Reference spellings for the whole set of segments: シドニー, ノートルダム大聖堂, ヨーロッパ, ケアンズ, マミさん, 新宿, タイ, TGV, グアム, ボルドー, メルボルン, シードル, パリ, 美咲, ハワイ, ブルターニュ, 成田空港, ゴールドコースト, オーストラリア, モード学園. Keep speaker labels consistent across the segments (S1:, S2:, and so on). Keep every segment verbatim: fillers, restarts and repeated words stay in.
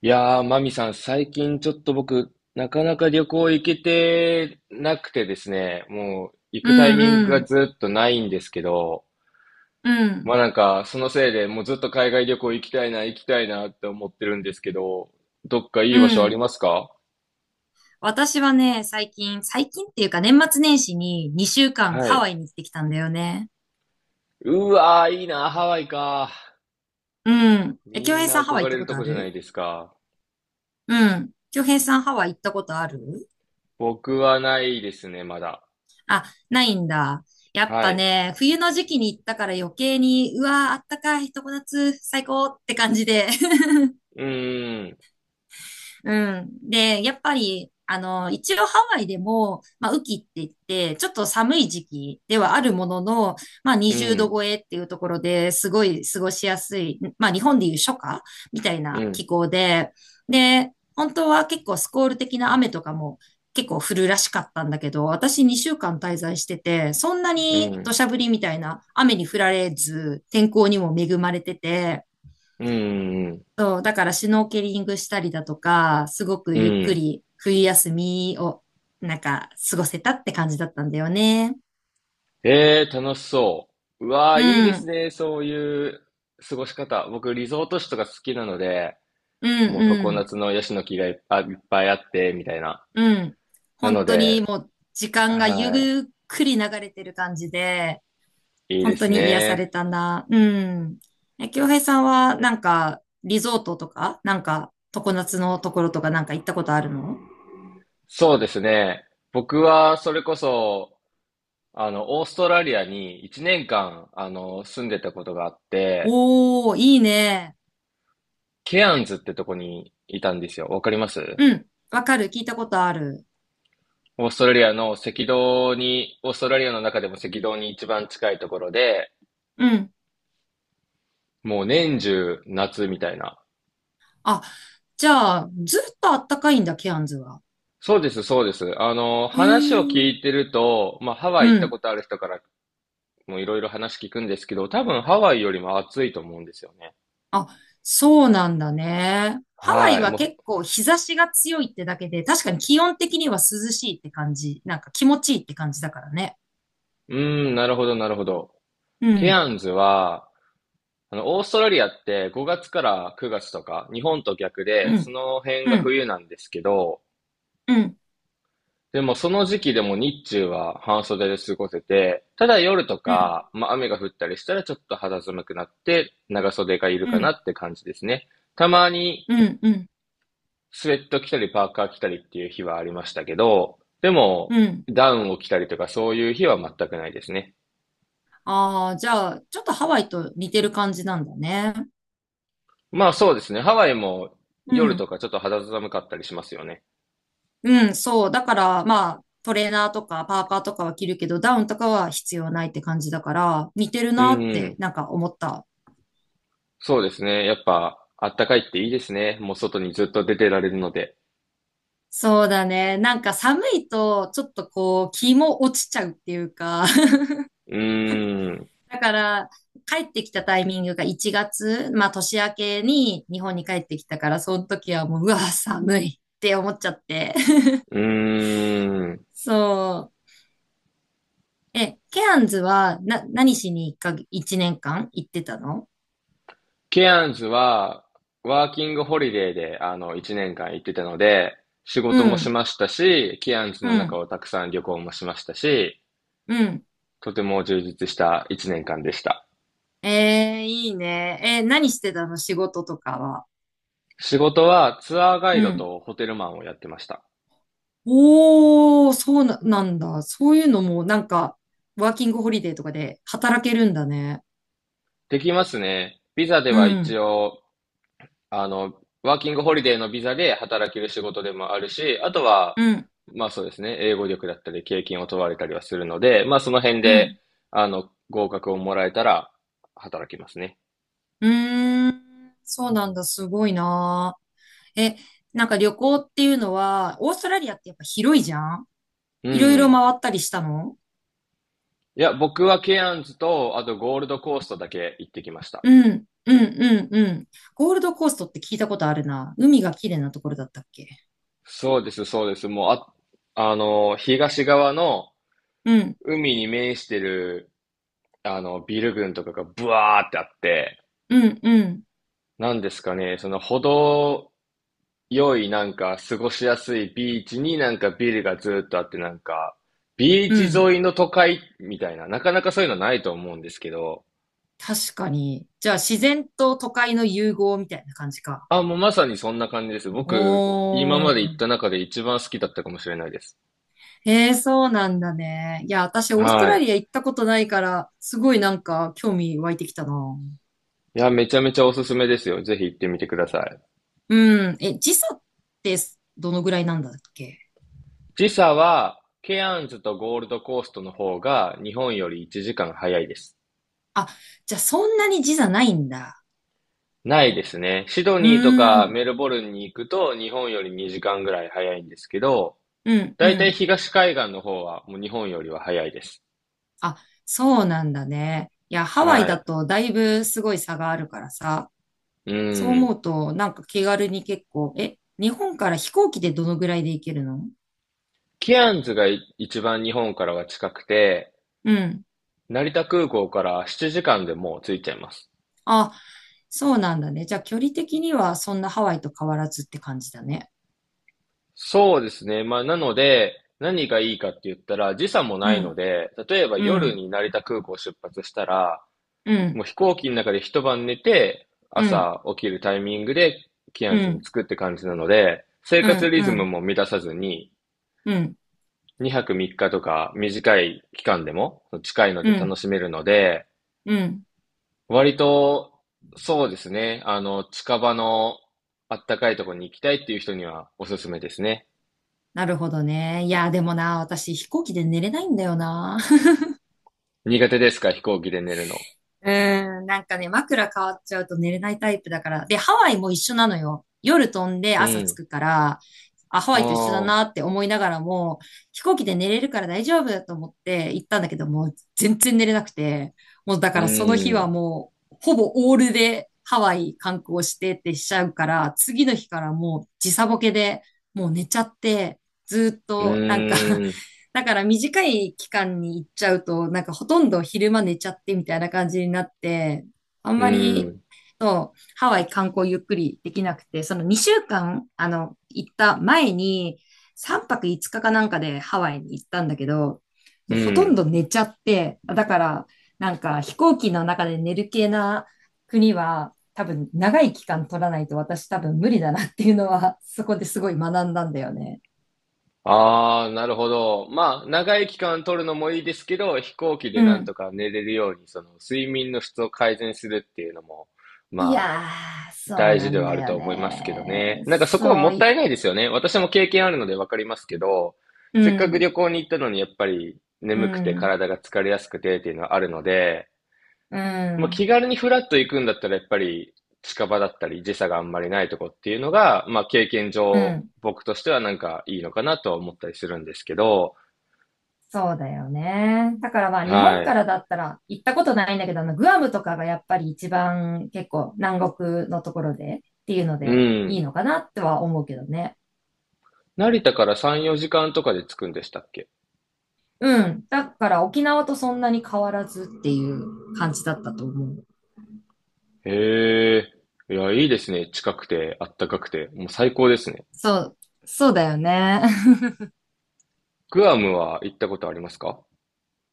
S1: いやー、マミさん、最近ちょっと僕、なかなか旅行行けてなくてですね、もう行
S2: う
S1: くタイミン
S2: ん
S1: グ
S2: う
S1: が
S2: ん。
S1: ずっとないんですけど、
S2: う
S1: まあ
S2: ん。
S1: なんか、そのせいでもうずっと海外旅行行きたいな、行きたいなって思ってるんですけど、どっかい
S2: う
S1: い場所あり
S2: ん。
S1: ますか？
S2: 私はね、最近、最近っていうか年末年始ににしゅうかん
S1: は
S2: ハ
S1: い。
S2: ワイに行ってきたんだよね。
S1: うわー、いいな、ハワイか。
S2: うん。え、
S1: み
S2: 京
S1: ん
S2: 平さ
S1: な
S2: んハ
S1: 憧
S2: ワイ行っ
S1: れ
S2: た
S1: る
S2: こ
S1: と
S2: とあ
S1: こじゃない
S2: る？
S1: ですか。
S2: うん。京平さんハワイ行ったことある？
S1: 僕はないですね、まだ。
S2: あ、ないんだ。やっ
S1: は
S2: ぱ
S1: い。
S2: ね、冬の時期に行ったから余計に、うわー、あったかい、常夏、最高って感じで。
S1: うーん、
S2: うん。で、やっぱり、あの、一応ハワイでも、まあ、雨季って言って、ちょっと寒い時期ではあるものの、まあ、
S1: う
S2: にじゅうど
S1: ん、
S2: 超えっていうところですごい過ごしやすい、まあ、日本でいう初夏みたい
S1: う
S2: な
S1: ん、
S2: 気候で、で、本当は結構スコール的な雨とかも結構降るらしかったんだけど、私にしゅうかん滞在してて、そんな
S1: う
S2: に土
S1: ん、
S2: 砂降りみたいな雨に降られず、天候にも恵まれてて、
S1: うん、うん、
S2: そう、だからシュノーケリングしたりだとか、すごく
S1: う
S2: ゆっく
S1: ん。
S2: り冬休みをなんか過ごせたって感じだったんだよね。
S1: ええ、楽しそう。う
S2: う
S1: わー、いいです
S2: ん、
S1: ね。そういう過ごし方。僕、リゾート地とか好きなので、
S2: う
S1: もう常
S2: ん、
S1: 夏のヤシの木がいっぱい、いっぱいあって、みたいな。
S2: うん、うん。
S1: なの
S2: 本当に
S1: で、
S2: もう時間がゆ
S1: は
S2: っくり流れてる感じで、
S1: い、いいで
S2: 本当
S1: す
S2: に癒され
S1: ね。
S2: たな。うん。え、京平さんはなんかリゾートとか、なんか常夏のところとかなんか行ったことあるの？
S1: そうですね。僕は、それこそ、あの、オーストラリアにいちねんかん、あの、住んでたことがあって、
S2: おー、いいね。
S1: ケアンズってとこにいたんですよ。わかります
S2: うん。わかる。聞いたことある。
S1: オーストラリアの赤道に、オーストラリアの中でも赤道に一番近いところで、
S2: うん。
S1: もう年中夏みたいな。
S2: あ、じゃあ、ずっとあったかいんだ、ケアンズは。
S1: そうです、そうです。あの、
S2: え
S1: 話を
S2: え。
S1: 聞いてると、まあ、ハワイ
S2: う
S1: 行った
S2: ん。
S1: ことある人からもいろいろ話聞くんですけど、多分ハワイよりも暑いと思うんですよね。
S2: あ、そうなんだね。ハワ
S1: は
S2: イ
S1: い。
S2: は
S1: も
S2: 結構日差しが強いってだけで、確かに気温的には涼しいって感じ。なんか気持ちいいって感じだからね。
S1: う、うーん、なるほど、なるほど。
S2: う
S1: ケ
S2: ん、
S1: アンズは、あの、オーストラリアってごがつからくがつとか、日本と逆
S2: う
S1: で、そ
S2: ん、
S1: の辺
S2: う
S1: が
S2: ん、
S1: 冬なんですけど、
S2: うん、
S1: でもその時期でも日中は半袖で過ごせて、ただ夜と
S2: うん、
S1: か、まあ雨が降ったりしたらちょっと肌寒くなって長袖がいる
S2: う
S1: かな
S2: ん、
S1: って感じですね。たまに
S2: うん、うん、
S1: スウェット着たりパーカー着たりっていう日はありましたけど、でも
S2: うん。
S1: ダウンを着たりとかそういう日は全くないですね。
S2: ああ、じゃあ、ちょっとハワイと似てる感じなんだね。
S1: まあそうですね。ハワイも
S2: う
S1: 夜と
S2: ん。
S1: かちょっと肌寒かったりしますよね。
S2: うん、そう。だから、まあ、トレーナーとかパーカーとかは着るけど、ダウンとかは必要ないって感じだから、似てる
S1: う
S2: なって、
S1: ん。
S2: なんか思った。
S1: そうですね。やっぱあったかいっていいですね。もう外にずっと出てられるので。
S2: そうだね。なんか寒いと、ちょっとこう、気も落ちちゃうっていうか。
S1: うーん。
S2: だから、帰ってきたタイミングがいちがつ、まあ年明けに日本に帰ってきたから、その時はもう、うわ、寒いって思っちゃって。
S1: うーん。
S2: そう。え、ケアンズは、な、何しにいっか、いちねんかん行ってたの？
S1: ケアンズは、ワーキングホリデーで、あの、いちねんかん行ってたので、仕
S2: う
S1: 事もし
S2: ん、
S1: ましたし、ケアンズ
S2: う
S1: の中
S2: ん、
S1: をたくさん旅行もしましたし、
S2: うん。
S1: とても充実したいちねんかんでした。
S2: ええ、いいね。えー、何してたの仕事とかは？
S1: 仕事はツアーガイ
S2: う
S1: ド
S2: ん。
S1: とホテルマンをやってました。
S2: おー、そうな、なんだ。そういうのも、なんか、ワーキングホリデーとかで働けるんだね。
S1: できますね。ビザで
S2: う
S1: は一
S2: ん。
S1: 応あの、ワーキングホリデーのビザで働ける仕事でもあるし、あとは、
S2: うん。
S1: まあそうですね、英語力だったり経験を問われたりはするので、まあその辺
S2: う
S1: で、
S2: ん。
S1: あの、合格をもらえたら働きますね。
S2: うーん、そうなんだ。すごいな。え、なんか旅行っていうのは、オーストラリアってやっぱ広いじゃん？
S1: う
S2: いろいろ
S1: ん。
S2: 回ったりしたの？
S1: いや、僕はケアンズと、あとゴールドコーストだけ行ってきました。
S2: うん。うん。うん。うん。ゴールドコーストって聞いたことあるな。海が綺麗なところだったっけ？
S1: そうです、そうです。もう、あ、あの、東側の
S2: うん。
S1: 海に面してる、あの、ビル群とかがブワーってあって、
S2: うん。うん。
S1: なんですかね、その程よいなんか過ごしやすいビーチになんかビルがずーっとあってなんか、ビー
S2: う
S1: チ
S2: ん。
S1: 沿いの都会みたいな、なかなかそういうのないと思うんですけど、
S2: 確かに。じゃあ、自然と都会の融合みたいな感じか。
S1: あ、もうまさにそんな感じです。僕、今
S2: お
S1: まで行っ
S2: ー。
S1: た中で一番好きだったかもしれないです。
S2: ええ、そうなんだね。いや、私、オースト
S1: は
S2: ラ
S1: い。
S2: リア行ったことないから、すごいなんか、興味湧いてきたな。
S1: いや、めちゃめちゃおすすめですよ。ぜひ行ってみてください。
S2: うん。え、時差って、どのぐらいなんだっけ？
S1: 時差は、ケアンズとゴールドコーストの方が日本よりいちじかん早いです。
S2: あ、じゃあ、そんなに時差ないんだ。
S1: ないですね。シド
S2: うー
S1: ニーとか
S2: ん。
S1: メルボルンに行くと日本よりにじかんぐらい早いんですけど、
S2: うん、う
S1: だいたい
S2: ん。
S1: 東海岸の方はもう日本よりは早いです。
S2: あ、そうなんだね。いや、ハワイ
S1: は
S2: だ
S1: い。
S2: と、だいぶすごい差があるからさ。
S1: う
S2: そう思
S1: ん。
S2: うと、なんか気軽に結構、え、日本から飛行機でどのぐらいで行けるの？
S1: ケアンズがい一番日本からは近くて、
S2: うん。
S1: 成田空港からななじかんでもう着いちゃいます。
S2: あ、そうなんだね。じゃあ距離的にはそんなハワイと変わらずって感じだね。
S1: そうですね。まあ、なので、何がいいかって言ったら、時差も
S2: う
S1: ないの
S2: ん、
S1: で、例えば
S2: う
S1: 夜
S2: ん、
S1: に成田空港を出発したら、
S2: う
S1: も
S2: ん、
S1: う飛行機の中で一晩寝て、
S2: うん、
S1: 朝起きるタイミングでキア
S2: う
S1: ンズに
S2: ん、
S1: 着くって感じなので、生
S2: う
S1: 活
S2: ん、う
S1: リズム
S2: ん、
S1: も乱さずに、
S2: うん、
S1: にはくみっかとか短い期間でも近いの
S2: う
S1: で楽
S2: ん、
S1: しめるので、
S2: うん。
S1: 割とそうですね、あの、近場のあったかいところに行きたいっていう人にはおすすめですね。
S2: なるほどね。いや、でもな、私飛行機で寝れないんだよな。
S1: 苦手ですか、飛行機で寝るの。
S2: うーん、なんかね、枕変わっちゃうと寝れないタイプだから。で、ハワイも一緒なのよ。夜飛んで
S1: う
S2: 朝
S1: ん。
S2: 着くから、あ、ハワ
S1: あ
S2: イと一緒だ
S1: あ、
S2: なって思いながらも、飛行機で寝れるから大丈夫だと思って行ったんだけど、もう全然寝れなくて、もうだか
S1: う
S2: らその日は
S1: ん、
S2: もう、ほぼオールでハワイ観光してってしちゃうから、次の日からもう時差ボケで、もう寝ちゃって、ずーっ
S1: う
S2: となんか
S1: ん、
S2: だから短い期間に行っちゃうと、なんかほとんど昼間寝ちゃってみたいな感じになって、あん
S1: う
S2: まり、
S1: ん、
S2: そう、ハワイ観光ゆっくりできなくて、そのにしゅうかん、あの、行った前に、さんぱくいつかかかなんかでハワイに行ったんだけど、
S1: う
S2: もうほとん
S1: ん。
S2: ど寝ちゃって、だから、なんか飛行機の中で寝る系な国は、多分長い期間取らないと私多分無理だなっていうのは、そこですごい学んだんだよね。
S1: ああ、なるほど。まあ、長い期間取るのもいいですけど、飛行機
S2: う
S1: でなんと
S2: ん。
S1: か寝れるように、その睡眠の質を改善するっていうのも、
S2: い
S1: まあ、
S2: やー、そう
S1: 大
S2: な
S1: 事で
S2: ん
S1: はあ
S2: だ
S1: る
S2: よ
S1: と思いますけど
S2: ね。
S1: ね。なんかそこは
S2: そ
S1: も
S2: う
S1: った
S2: い、
S1: いないですよね。私も経験あるのでわかりますけど、
S2: う
S1: せっかく
S2: ん、
S1: 旅行に行ったのにやっぱり
S2: う
S1: 眠くて
S2: ん、
S1: 体が疲れやすくてっていうのはあるので、
S2: う
S1: まあ、
S2: ん、
S1: 気軽にフラッと行くんだったらやっぱり近場だったり時差があんまりないとこっていうのが、まあ、経験
S2: う
S1: 上
S2: ん。
S1: 僕としてはなんかいいのかなとは思ったりするんですけど、
S2: そうだよね。だからまあ日本
S1: はい。
S2: からだったら行ったことないんだけど、あのグアムとかがやっぱり一番結構南国のところでっていうの
S1: う
S2: でい
S1: ん。
S2: いのかなっては思うけどね。
S1: 成田からさん、よじかんとかで着くんでしたっけ？
S2: うん。だから沖縄とそんなに変わらずっていう感じだったと思う。
S1: へえ。いや、いいですね。近くて、あったかくて。もう最高ですね。
S2: そう、そうだよね。
S1: グアムは行ったことありますか？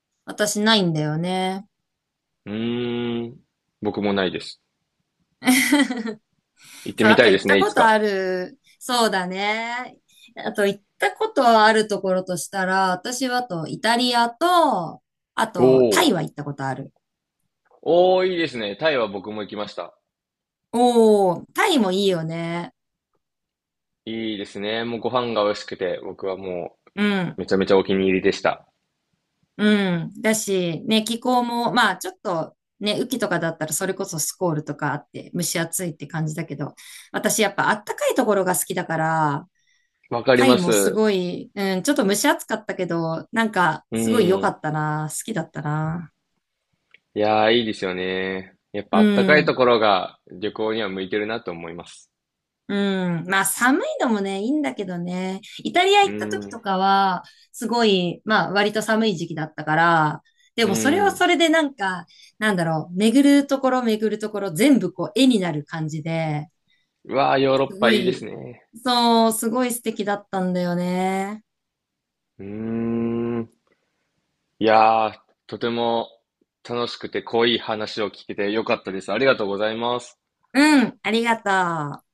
S2: 私ないんだよね。
S1: うーん。僕もないです。行って
S2: そう、
S1: み
S2: あ
S1: た
S2: と
S1: いで
S2: 行っ
S1: す
S2: た
S1: ね、い
S2: こ
S1: つ
S2: とあ
S1: か。
S2: る。そうだね。あと行ったことあるところとしたら、私はあとイタリアと、あとタ
S1: お
S2: イは
S1: ー。
S2: 行ったことある。
S1: おー、いいですね。タイは僕も行きました。
S2: おー、タイもいいよね。
S1: いいですね。もうご飯が美味しくて、僕はも
S2: う
S1: う
S2: ん、
S1: めちゃめちゃお気に入りでした。
S2: うん。だし、ね、気候も、まあちょっと、ね、雨季とかだったらそれこそスコールとかあって蒸し暑いって感じだけど、私やっぱあったかいところが好きだから、
S1: わかり
S2: タ
S1: ま
S2: イもす
S1: す。
S2: ごい、うん、ちょっと蒸し暑かったけど、なんか
S1: う
S2: すごい良か
S1: ん。
S2: ったな。好きだったな。
S1: いやー、いいですよね。やっぱ
S2: う
S1: あったかいと
S2: ん。
S1: ころが旅行には向いてるなと思います。
S2: うん。まあ、寒いのもね、いいんだけどね。イタリア
S1: う
S2: 行った時
S1: ん、
S2: とかは、すごい、まあ、割と寒い時期だったから、で
S1: う
S2: もそれはそ
S1: ん。
S2: れでなんか、なんだろう、巡るところ巡るところ全部こう絵になる感じで、
S1: うわあ、ヨーロッ
S2: す
S1: パ
S2: ご
S1: いいです
S2: い、
S1: ね。
S2: そう、すごい素敵だったんだよね。
S1: うーん。いやーとても楽しくて濃い話を聞けてよかったです。ありがとうございます。
S2: うん、ありがとう。